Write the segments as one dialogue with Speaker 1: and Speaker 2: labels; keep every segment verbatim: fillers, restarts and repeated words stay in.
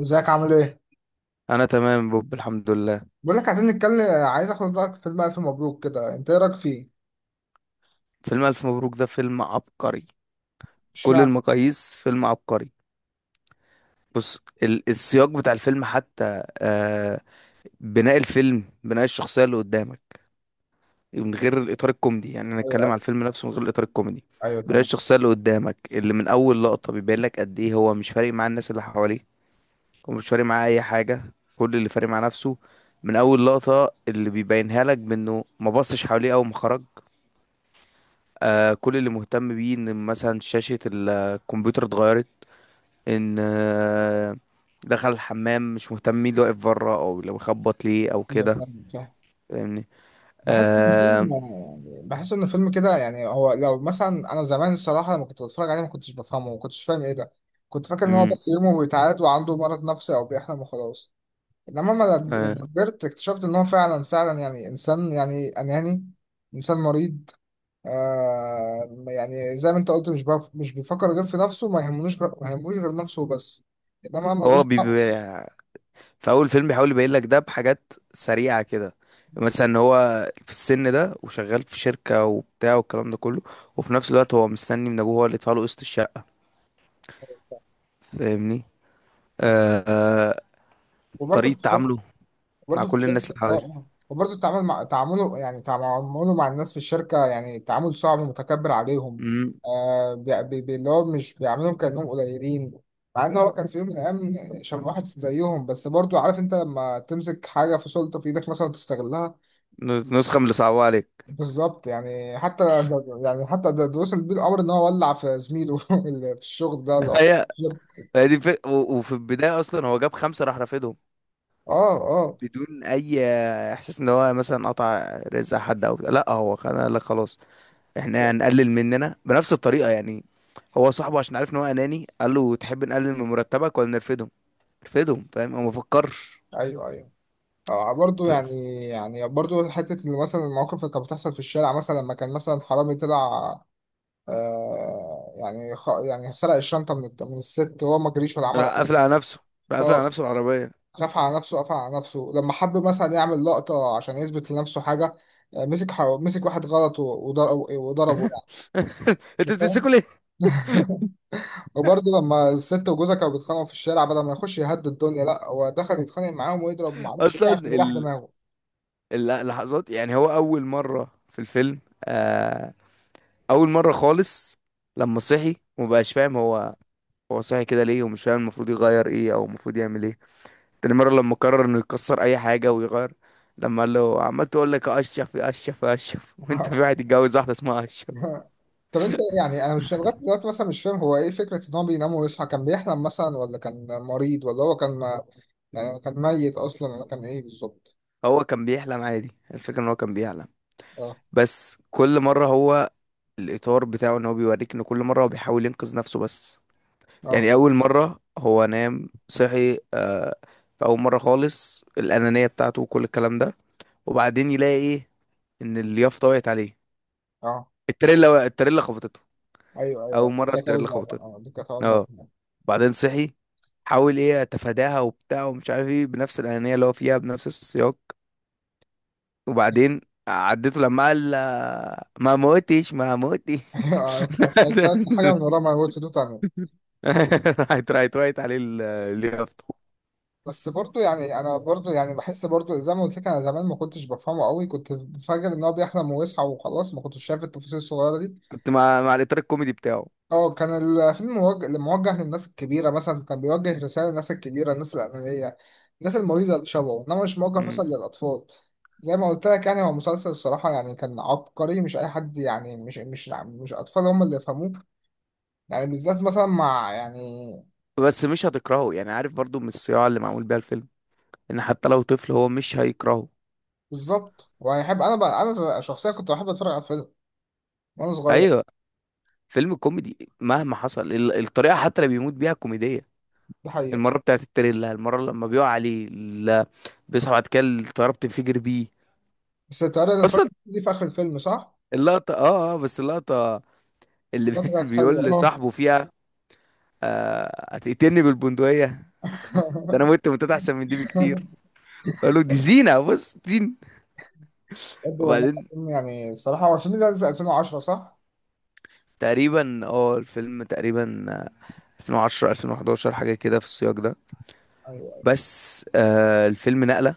Speaker 1: ازيك عامل ايه؟
Speaker 2: انا تمام بوب، الحمد لله.
Speaker 1: بقول لك عايزين نتكلم، عايز اخد رايك في بقى في مبروك كده. انت ايه رايك فيه؟
Speaker 2: فيلم الف مبروك ده فيلم عبقري. كل
Speaker 1: اشمعنى؟
Speaker 2: المقاييس فيلم عبقري. بص، ال- السياق بتاع الفيلم، حتى آه بناء الفيلم، بناء الشخصيه اللي قدامك، من غير الاطار الكوميدي، يعني انا
Speaker 1: ايوه
Speaker 2: اتكلم على
Speaker 1: ايوه
Speaker 2: الفيلم نفسه من غير الاطار الكوميدي.
Speaker 1: ايوه
Speaker 2: بناء
Speaker 1: تمام.
Speaker 2: الشخصيه اللي قدامك، اللي من اول لقطه بيبين لك قد ايه هو مش فارق مع الناس اللي حواليه، ومش فارق معاه اي حاجه، كل اللي فارق مع نفسه. من اول لقطه اللي بيبينها لك، بانه ما بصش حواليه اول ما خرج، آه كل اللي مهتم بيه ان مثلا شاشة الكمبيوتر اتغيرت، ان آه دخل الحمام مش مهتم مين اللي واقف بره او لو خبط ليه او
Speaker 1: ايوه
Speaker 2: كده.
Speaker 1: تمام فاهم.
Speaker 2: فاهمني؟
Speaker 1: بحس ان الفيلم،
Speaker 2: آه.
Speaker 1: يعني بحس ان الفيلم كده يعني هو لو مثلا انا زمان، الصراحه لما كنت بتفرج عليه ما كنتش بفهمه، ما كنتش فاهم ايه ده. كنت فاكر ان هو
Speaker 2: مم.
Speaker 1: بس يومه بيتعاد وعنده مرض نفسي او بيحلم وخلاص. انما لما،
Speaker 2: آه.
Speaker 1: لما كبرت اكتشفت ان هو فعلا فعلا يعني انسان، يعني اناني، انسان مريض. آه، يعني زي ما انت قلت، مش بف... مش بيفكر غير في نفسه، ما يهمنوش غ... ما يهموش غير نفسه بس. انما ملوش
Speaker 2: هو
Speaker 1: دعوة.
Speaker 2: بيبقى في اول فيلم بيحاول يبين لك ده بحاجات سريعة كده، مثلا إن هو في السن ده وشغال في شركة وبتاع والكلام ده كله، وفي نفس الوقت هو مستني من ابوه هو اللي يدفع له قسط الشقة. فاهمني؟ آه. آه.
Speaker 1: وبرضه في
Speaker 2: طريقة
Speaker 1: الشركه،
Speaker 2: تعامله مع
Speaker 1: وبرضه في
Speaker 2: كل الناس
Speaker 1: الشركه اه
Speaker 2: اللي
Speaker 1: اه وبرضه التعامل، مع تعامله يعني تعامله مع الناس في الشركه يعني تعامل صعب، ومتكبر عليهم.
Speaker 2: حواليه،
Speaker 1: آه، بي... بي... بي- اللي هو مش بيعاملهم كانهم قليلين، مع ان هو كان في يوم من الايام شبه واحد زيهم. بس برضه عارف انت لما تمسك حاجه، في سلطه في ايدك مثلا، وتستغلها.
Speaker 2: نسخة من اللي صعبوها عليك.
Speaker 1: بالظبط. يعني حتى يعني حتى ده ده وصل بيه الامر ان هو ولع في زميله اللي في الشغل، ده اللي-
Speaker 2: هي هي دي في... وفي البداية أصلا هو جاب خمسة راح رافضهم،
Speaker 1: اه اه.
Speaker 2: بدون أي إحساس إن هو مثلا قطع رزق حد أو بتاع. لا، هو كان قال لك خلاص، إحنا هنقلل مننا بنفس الطريقة يعني. هو صاحبه عشان عارف إن هو أناني، قال له تحب نقلل من مرتبك ولا نرفدهم؟ نرفدهم، فاهم، هو ما فكرش.
Speaker 1: ايوه ايوه. آه برضه،
Speaker 2: ف...
Speaker 1: يعني يعني برضه حته، اللي مثلا المواقف اللي كانت بتحصل في الشارع مثلا، لما كان مثلا حرامي طلع. آه يعني، خ... يعني سرق الشنطه من الت- من الست، وهو ما جريش ولا عمل
Speaker 2: راح
Speaker 1: اي
Speaker 2: قافل
Speaker 1: حاجه.
Speaker 2: على نفسه، راح قافل على
Speaker 1: اه.
Speaker 2: نفسه العربية.
Speaker 1: خاف على نفسه، قفل على نفسه. لما حب مثلا يعمل لقطه عشان يثبت لنفسه حاجه، آه مسك ح... مسك واحد غلط و- وضر- وضربه يعني.
Speaker 2: أنت
Speaker 1: أنت فاهم.
Speaker 2: بتمسكوا ليه؟
Speaker 1: وبرضه لما الست وجوزها كانوا بيتخانقوا في الشارع، بدل ما يخش يهدي الدنيا، لا، هو دخل يتخانق معاهم ويضرب، ما اعرفش ايه،
Speaker 2: أصلا،
Speaker 1: عشان يريح
Speaker 2: ال...
Speaker 1: دماغه.
Speaker 2: اللحظات، يعني هو أول مرة في الفيلم، آه اول مره خالص، لما صحي ومبقاش فاهم، هو هو صحي كده ليه ومش فاهم المفروض يغير ايه او المفروض يعمل ايه. تاني مره لما قرر انه يكسر اي حاجه ويغير، لما قال له عمال تقول لك اشرف يا اشرف يا اشرف، وانت في واحد يتجوز واحده اسمها اشرف.
Speaker 1: طب انت يعني، انا مش لغايه دلوقتي مثلا مش فاهم هو ايه فكره ان هو بينام ويصحى. كان بيحلم مثلا ولا كان مريض، ولا هو كان، يعني كان ميت اصلا، ولا كان ايه بالظبط؟
Speaker 2: هو كان بيحلم عادي، الفكره ان هو كان بيحلم،
Speaker 1: اه
Speaker 2: بس كل مره هو، الاطار بتاعه ان هو بيوريك ان كل مره هو بيحاول ينقذ نفسه بس.
Speaker 1: اه.
Speaker 2: يعني اول مره هو نام صحي، آه، في اول مره خالص الانانيه بتاعته وكل الكلام ده، وبعدين يلاقي ايه، ان اليافطه وقعت عليه،
Speaker 1: اه.
Speaker 2: التريلا التريلا خبطته،
Speaker 1: ايوه
Speaker 2: اول
Speaker 1: ايوه، دي
Speaker 2: مره
Speaker 1: كانت
Speaker 2: التريلا
Speaker 1: اول مره.
Speaker 2: خبطته،
Speaker 1: اه، دي كانت اول مره.
Speaker 2: اه، بعدين صحي، حاول ايه اتفاداها وبتاع ومش عارف ايه، بنفس الانانيه اللي هو فيها، بنفس السياق، وبعدين عديته لما قال ما موتش، ما موتش.
Speaker 1: آه، فكرت حاجه من ورا ما قلت دو تاني.
Speaker 2: راحت راحت وقعت عليه ال- اليافطه،
Speaker 1: بس برضو يعني، انا برضو يعني بحس برضو زي ما قلت لك، انا زمان ما كنتش بفهمه قوي، كنت فاكر ان هو بيحلم ويصحى وخلاص، ما كنتش شايف التفاصيل الصغيره دي.
Speaker 2: كنت مع مع الاطار الكوميدي بتاعه.
Speaker 1: اه كان الفيلم موجه موجه للناس الكبيره، مثلا كان بيوجه رساله للناس الكبيره، الناس الانانيه، الناس المريضه اللي شبهه. انما مش موجه
Speaker 2: مم.
Speaker 1: مثلا للاطفال. زي ما قلت لك يعني، هو مسلسل الصراحه يعني كان عبقري، مش اي حد يعني، مش مش مش اطفال هم اللي يفهموه. يعني بالذات مثلا مع يعني،
Speaker 2: بس مش هتكرهه يعني، عارف، برضو من الصياعه اللي معمول بيها الفيلم، ان حتى لو طفل هو مش هيكرهه.
Speaker 1: بالظبط. وهيحب. انا بقى، انا شخصيا كنت بحب اتفرج على الفيلم وانا صغير.
Speaker 2: ايوه، فيلم كوميدي مهما حصل، ال- الطريقة حتى اللي بيموت بيها كوميدية.
Speaker 1: ده حقيقي.
Speaker 2: المرة بتاعت التريلا، المرة لما بيقع عليه ال- بيصحى بعد كده، الطيارة بتنفجر بيه.
Speaker 1: بس تعالى نتفرج،
Speaker 2: أصلا
Speaker 1: دي في آخر الفيلم صح؟
Speaker 2: اللقطة، اه، اه، بس اللقطة اللي
Speaker 1: ده كانت حلوة
Speaker 2: بيقول
Speaker 1: اه.
Speaker 2: لصاحبه فيها، آه، هتقتلني بالبندقية؟ ده أنا مت، متت أحسن من دي بكتير. قال له دي زينة، بص زين.
Speaker 1: بجد والله
Speaker 2: وبعدين،
Speaker 1: العظيم. يعني الصراحة هو الفيلم ده نزل ألفين وعشرة صح؟
Speaker 2: تقريبا، اه، الفيلم تقريبا، آه، ألفين وعشرة ألفين وأحد عشر حاجة كده في السياق ده،
Speaker 1: أيوه أيوه.
Speaker 2: بس آه الفيلم نقلة،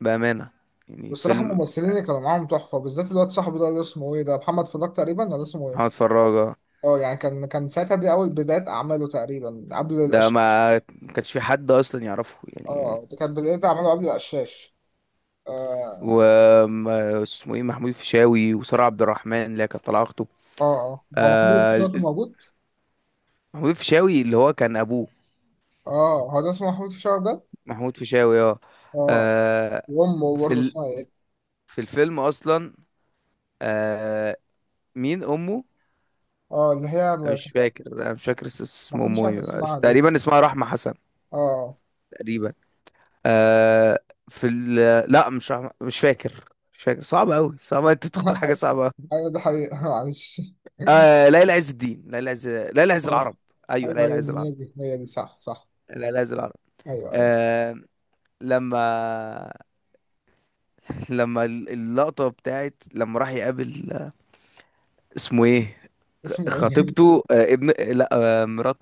Speaker 2: بأمانة، يعني
Speaker 1: والصراحة
Speaker 2: فيلم.
Speaker 1: الممثلين اللي كانوا معاهم تحفة، بالذات الواد صاحبه ده، اللي اسمه إيه ده، محمد فراج تقريبا ولا اسمه
Speaker 2: محمد
Speaker 1: إيه؟
Speaker 2: فراج
Speaker 1: أه، يعني كان كان ساعتها دي أول بداية أعماله تقريبا، قبل
Speaker 2: ده،
Speaker 1: الأش.
Speaker 2: ما ما كانش في حد اصلا يعرفه
Speaker 1: أه
Speaker 2: يعني،
Speaker 1: آه، دي كانت بداية أعماله قبل الأشاش. أه
Speaker 2: وما اسمه ايه، محمود الفيشاوي، وسارة عبد الرحمن اللي هي كانت طالعه اخته.
Speaker 1: أه. أه، هو محمود
Speaker 2: آه، ال-
Speaker 1: الفيشاوي كان
Speaker 2: ال-
Speaker 1: موجود؟
Speaker 2: محمود الفيشاوي اللي هو كان ابوه.
Speaker 1: أه، هو ده اسمه محمود الفيشاوي ده؟
Speaker 2: محمود الفيشاوي، اه.
Speaker 1: أه.
Speaker 2: آه.
Speaker 1: وأمه
Speaker 2: في
Speaker 1: برضه
Speaker 2: ال...
Speaker 1: اسمها إيه؟
Speaker 2: في الفيلم اصلا، آه مين امه؟
Speaker 1: أه اللي هي،
Speaker 2: أنا
Speaker 1: ما،
Speaker 2: مش فاكر انا مش فاكر اس-
Speaker 1: ما
Speaker 2: اسم
Speaker 1: حدش
Speaker 2: امه
Speaker 1: عارف
Speaker 2: ايه،
Speaker 1: اسمها.
Speaker 2: بس تقريبا اسمها رحمة حسن،
Speaker 1: اه.
Speaker 2: تقريبا، آه في ال... لا، مش رحمة، مش فاكر، مش فاكر، صعب قوي، صعب انت تختار حاجة صعبة.
Speaker 1: ايوه ده حقيقة. معلش.
Speaker 2: آه، ليلى عز الدين، ليلى عز، ليلى عز
Speaker 1: اه.
Speaker 2: العرب، ايوه،
Speaker 1: ايوه
Speaker 2: ليلى
Speaker 1: ايوه،
Speaker 2: عز العرب،
Speaker 1: هي دي هي دي صح صح.
Speaker 2: ليلى عز العرب.
Speaker 1: ايوه ايوه.
Speaker 2: آه. لما لما اللقطة بتاعت لما راح يقابل، اسمه ايه،
Speaker 1: اسمه ايه؟
Speaker 2: خطيبته، آه ابن، لا، آه مرات،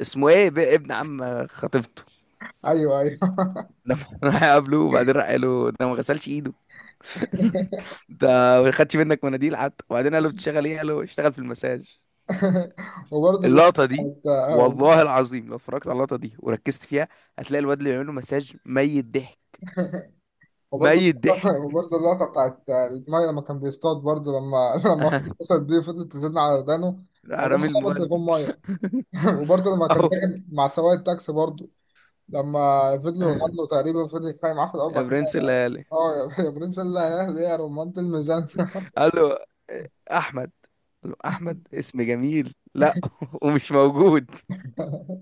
Speaker 2: اسمه ايه، ب- ابن عم خطيبته،
Speaker 1: ايوه ايوه.
Speaker 2: لما راح يقابله وبعدين راح قال له ده ما غسلش ايده، ده ما خدش منك مناديل حتى، وبعدين قال له بتشتغل ايه؟ قال له اشتغل في المساج.
Speaker 1: وبرضه اللقطة
Speaker 2: اللقطة دي،
Speaker 1: بتاعت آه،
Speaker 2: والله العظيم لو اتفرجت على اللقطة دي وركزت فيها، هتلاقي الواد اللي بيعمله مساج ميت ضحك،
Speaker 1: وبرضه،
Speaker 2: ميت ضحك،
Speaker 1: وبرضه اللقطة بتاعت المية لما كان بيصطاد، برضه لما، لما اخته اتصلت بيه فضلت تزن على ودانه.
Speaker 2: راح
Speaker 1: الله،
Speaker 2: رامي
Speaker 1: خبط
Speaker 2: الموبايل،
Speaker 1: تليفون مية. وبرضه لما كان
Speaker 2: اهو،
Speaker 1: راجع مع سواق التاكسي برضه، لما فضلوا يغنوا، تقريبا فضل يتخانق معاه في الأول،
Speaker 2: يا
Speaker 1: بعد كده
Speaker 2: برنس الليالي،
Speaker 1: اه، يا يا برنس، الله، يا أهل، يا رمانة الميزان.
Speaker 2: قال له احمد، قال له احمد اسم جميل، لا، ومش موجود.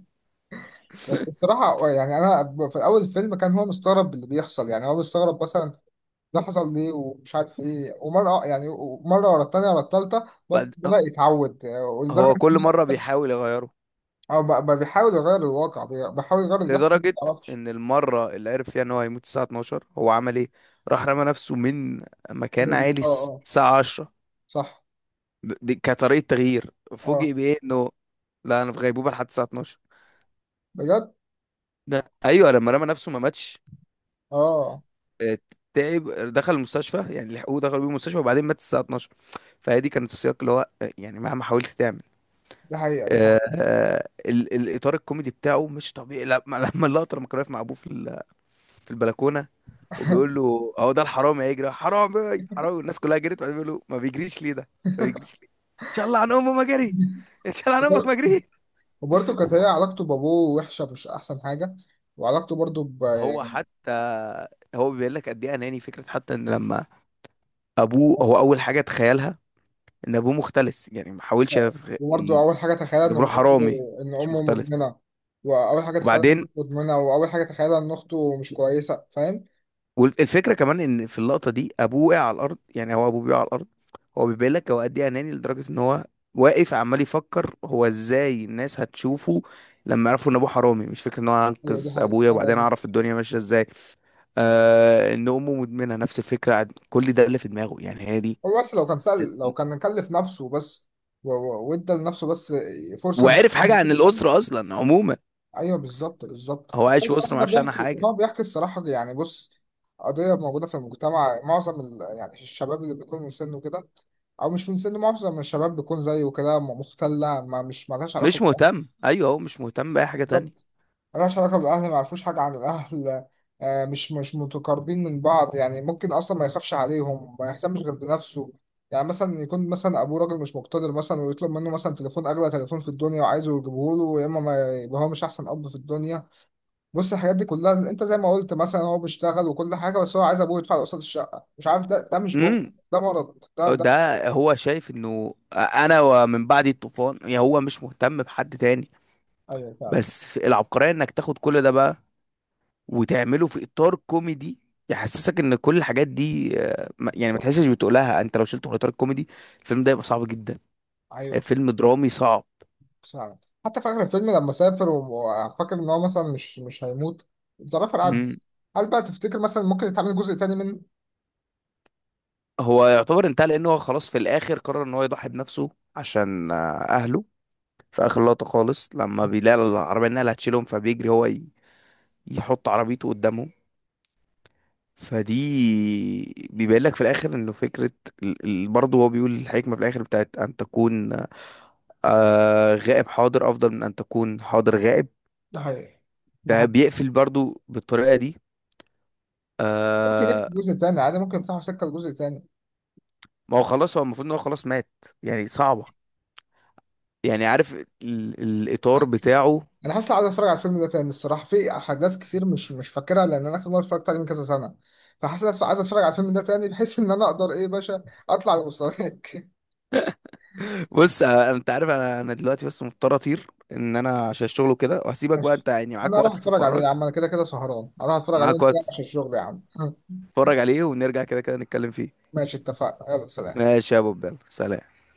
Speaker 1: بس بصراحة آه، يعني أنا في أول الفيلم كان هو مستغرب اللي بيحصل، يعني هو مستغرب مثلا ده حصل ليه ومش عارف إيه. ومرة آه، يعني مرة ورا التانية ورا التالتة بد-
Speaker 2: بعد
Speaker 1: بدأ يتعود آه، ولدرجة
Speaker 2: هو
Speaker 1: إن
Speaker 2: كل مره بيحاول يغيره،
Speaker 1: هو آه، بقى بقى بيحاول يغير الواقع، بي- بيحاول يغير اللي بيحصل، ما
Speaker 2: لدرجه
Speaker 1: تعرفش.
Speaker 2: ان المره اللي عرف فيها ان هو هيموت الساعه اتناشر هو عمل ايه؟ راح رمى نفسه من مكان
Speaker 1: آه
Speaker 2: عالي الس-
Speaker 1: آه.
Speaker 2: الساعه عشرة،
Speaker 1: صح.
Speaker 2: ب- دي كطريقه تغيير،
Speaker 1: آه.
Speaker 2: فوجئ بايه انه، لا انا في غيبوبه لحد الساعه اثنا عشر،
Speaker 1: بجد.
Speaker 2: ده ايوه لما رمى نفسه ما ماتش،
Speaker 1: آه،
Speaker 2: آه، تعب، دخل المستشفى، يعني لحقوه دخلوا بيه المستشفى، وبعدين مات الساعة اتناشر. فهي دي كانت السياق اللي هو، آه، يعني مهما حاولت تعمل،
Speaker 1: دي حقيقة، دي
Speaker 2: آه،
Speaker 1: حقيقة.
Speaker 2: آه، ال- الإطار الكوميدي بتاعه مش طبيعي، لما لما اللقطة لما كان واقف مع أبوه في ال- في البلكونة، وبيقول له أهو ده الحرامي هيجري حرامي حرامي، والناس كلها جريت، وبعدين بيقول له ما بيجريش ليه ده؟ ما بيجريش ليه، إن شاء الله عن أمه ما جري، إن شاء الله عن أمك
Speaker 1: وبر-
Speaker 2: ما جري.
Speaker 1: وبرضه كانت هي علاقته بأبوه وحشة، مش أحسن حاجة. وعلاقته برضه ب...
Speaker 2: هو
Speaker 1: يعني،
Speaker 2: حتى هو بيبين لك قد إيه أناني، فكرة حتى إن لما أبوه، هو أول حاجة تخيلها ان ابوه مختلس، يعني ما حاولش يتخ-
Speaker 1: وبرضه أول حاجة تخيلها
Speaker 2: ده
Speaker 1: إن
Speaker 2: بروح
Speaker 1: أمه،
Speaker 2: حرامي
Speaker 1: إن
Speaker 2: مش
Speaker 1: أمه
Speaker 2: مختلس،
Speaker 1: مدمنة. وأول حاجة تخيلها إن
Speaker 2: وبعدين،
Speaker 1: أمه مدمنة، وأول حاجة تخيلها إن أخته مش كويسة، فاهم؟
Speaker 2: والفكره كمان ان في اللقطه دي ابوه وقع على الارض، يعني هو ابوه بيقع على الارض، هو بيبين لك هو قد ايه اناني، لدرجه ان هو واقف عمال يفكر هو ازاي الناس هتشوفه لما يعرفوا ان ابوه حرامي، مش فكره ان هو
Speaker 1: هي دي
Speaker 2: انقذ
Speaker 1: حقيقة،
Speaker 2: ابويا
Speaker 1: أيوة
Speaker 2: وبعدين
Speaker 1: دي.
Speaker 2: اعرف الدنيا ماشيه ازاي. آه ان امه مدمنه، نفس الفكره، عن- كل ده اللي في دماغه، يعني هي دي،
Speaker 1: هو بس لو كان سأل، لو كان كلف نفسه بس، و- و- وإدى لنفسه بس فرصة،
Speaker 2: وعرف حاجه عن
Speaker 1: إن-
Speaker 2: الاسره اصلا عموما،
Speaker 1: أيوه بالظبط بالظبط.
Speaker 2: هو
Speaker 1: أنا
Speaker 2: عايش في اسره
Speaker 1: الصراحة
Speaker 2: ما
Speaker 1: ده
Speaker 2: يعرفش عنها
Speaker 1: بيحكي،
Speaker 2: حاجه،
Speaker 1: هو بيحكي الصراحة يعني، بص، قضية موجودة في المجتمع، معظم ال... يعني الشباب اللي بيكون من سنه كده، او مش من سن، معظم الشباب بيكون زيه كده، م- مختلة، ما، مش مالهاش علاقة.
Speaker 2: مش مهتم، ايوه، هو مش مهتم باي حاجه تانية.
Speaker 1: بالظبط. ملهاش علاقة بالأهل، ما يعرفوش حاجة عن الأهل، آه، مش مش متقاربين من بعض يعني. ممكن أصلا ما يخافش عليهم، ما يهتمش غير بنفسه. يعني مثلا يكون مثلا أبوه راجل مش مقتدر مثلا، ويطلب منه مثلا تليفون أغلى تليفون في الدنيا، وعايزه يجيبه له، يا إما ما يبقى هو مش أحسن أب في الدنيا. بص، الحاجات دي كلها، أنت زي ما قلت مثلا هو بيشتغل وكل حاجة، بس هو عايز أبوه يدفع له قسط الشقة. مش عارف، ده ده مش بخل،
Speaker 2: مم.
Speaker 1: ده مرض، ده ده،
Speaker 2: ده هو شايف انه انا ومن بعد الطوفان، يعني هو مش مهتم بحد تاني،
Speaker 1: أيوه فعلا.
Speaker 2: بس في العبقرية انك تاخد كل ده بقى وتعمله في اطار كوميدي، يحسسك ان كل الحاجات دي، آه، ما- يعني ما تحسش بتقولها، انت لو شلته من اطار الكوميدي، الفيلم ده يبقى صعب جدا،
Speaker 1: أيوه
Speaker 2: فيلم درامي صعب.
Speaker 1: فعلا. حتى في آخر الفيلم لما سافر وفاكر إن هو مثلا مش مش هيموت، الظرافة عدى.
Speaker 2: مم.
Speaker 1: هل بقى تفتكر مثلا ممكن يتعمل جزء تاني منه؟
Speaker 2: هو يعتبر انتهى، لان هو خلاص في الاخر قرر ان هو يضحي بنفسه عشان آه، اهله، في اخر لقطة خالص لما بيلاقي العربية انها اللي هتشيلهم فبيجري هو ي- يحط عربيته قدامهم، فدي بيبين لك في الاخر انه فكره، ال- ال- برضه هو بيقول الحكمه في الاخر بتاعت ان تكون آه غائب حاضر افضل من ان تكون حاضر غائب،
Speaker 1: ده حقيقي، ده حقيقي.
Speaker 2: فبيقفل برضه بالطريقه دي.
Speaker 1: ممكن يفتح
Speaker 2: آه.
Speaker 1: جزء تاني عادي، ممكن يفتحوا سكة لجزء تاني.
Speaker 2: ما هو خلاص، هو المفروض ان هو خلاص مات يعني، صعبه، يعني عارف ال الاطار بتاعه.
Speaker 1: أنا حاسس عايز أتفرج على الفيلم ده تاني الصراحة، في أحداث كتير مش مش فاكرها، لأن أنا آخر مرة اتفرجت عليه من كذا سنة. فحاسس عايز أتفرج على الفيلم ده تاني، بحيث إن أنا أقدر إيه يا باشا أطلع لمستواك.
Speaker 2: بص، آه انت عارف، انا انا دلوقتي بس مضطر اطير، ان انا عشان الشغل وكده، وهسيبك بقى،
Speaker 1: ماشي.
Speaker 2: انت يعني معاك
Speaker 1: أنا
Speaker 2: وقت
Speaker 1: أروح أتفرج عليه
Speaker 2: تتفرج،
Speaker 1: يا عم، أنا كده كده سهران، أروح أتفرج عليه،
Speaker 2: معاك
Speaker 1: وأنت رايح
Speaker 2: وقت
Speaker 1: عشان الشغل يا عم.
Speaker 2: تتفرج عليه، ونرجع كده كده نتكلم فيه.
Speaker 1: ماشي، اتفقنا، يلا سلام.
Speaker 2: ماشي يا ابو بال، سلام.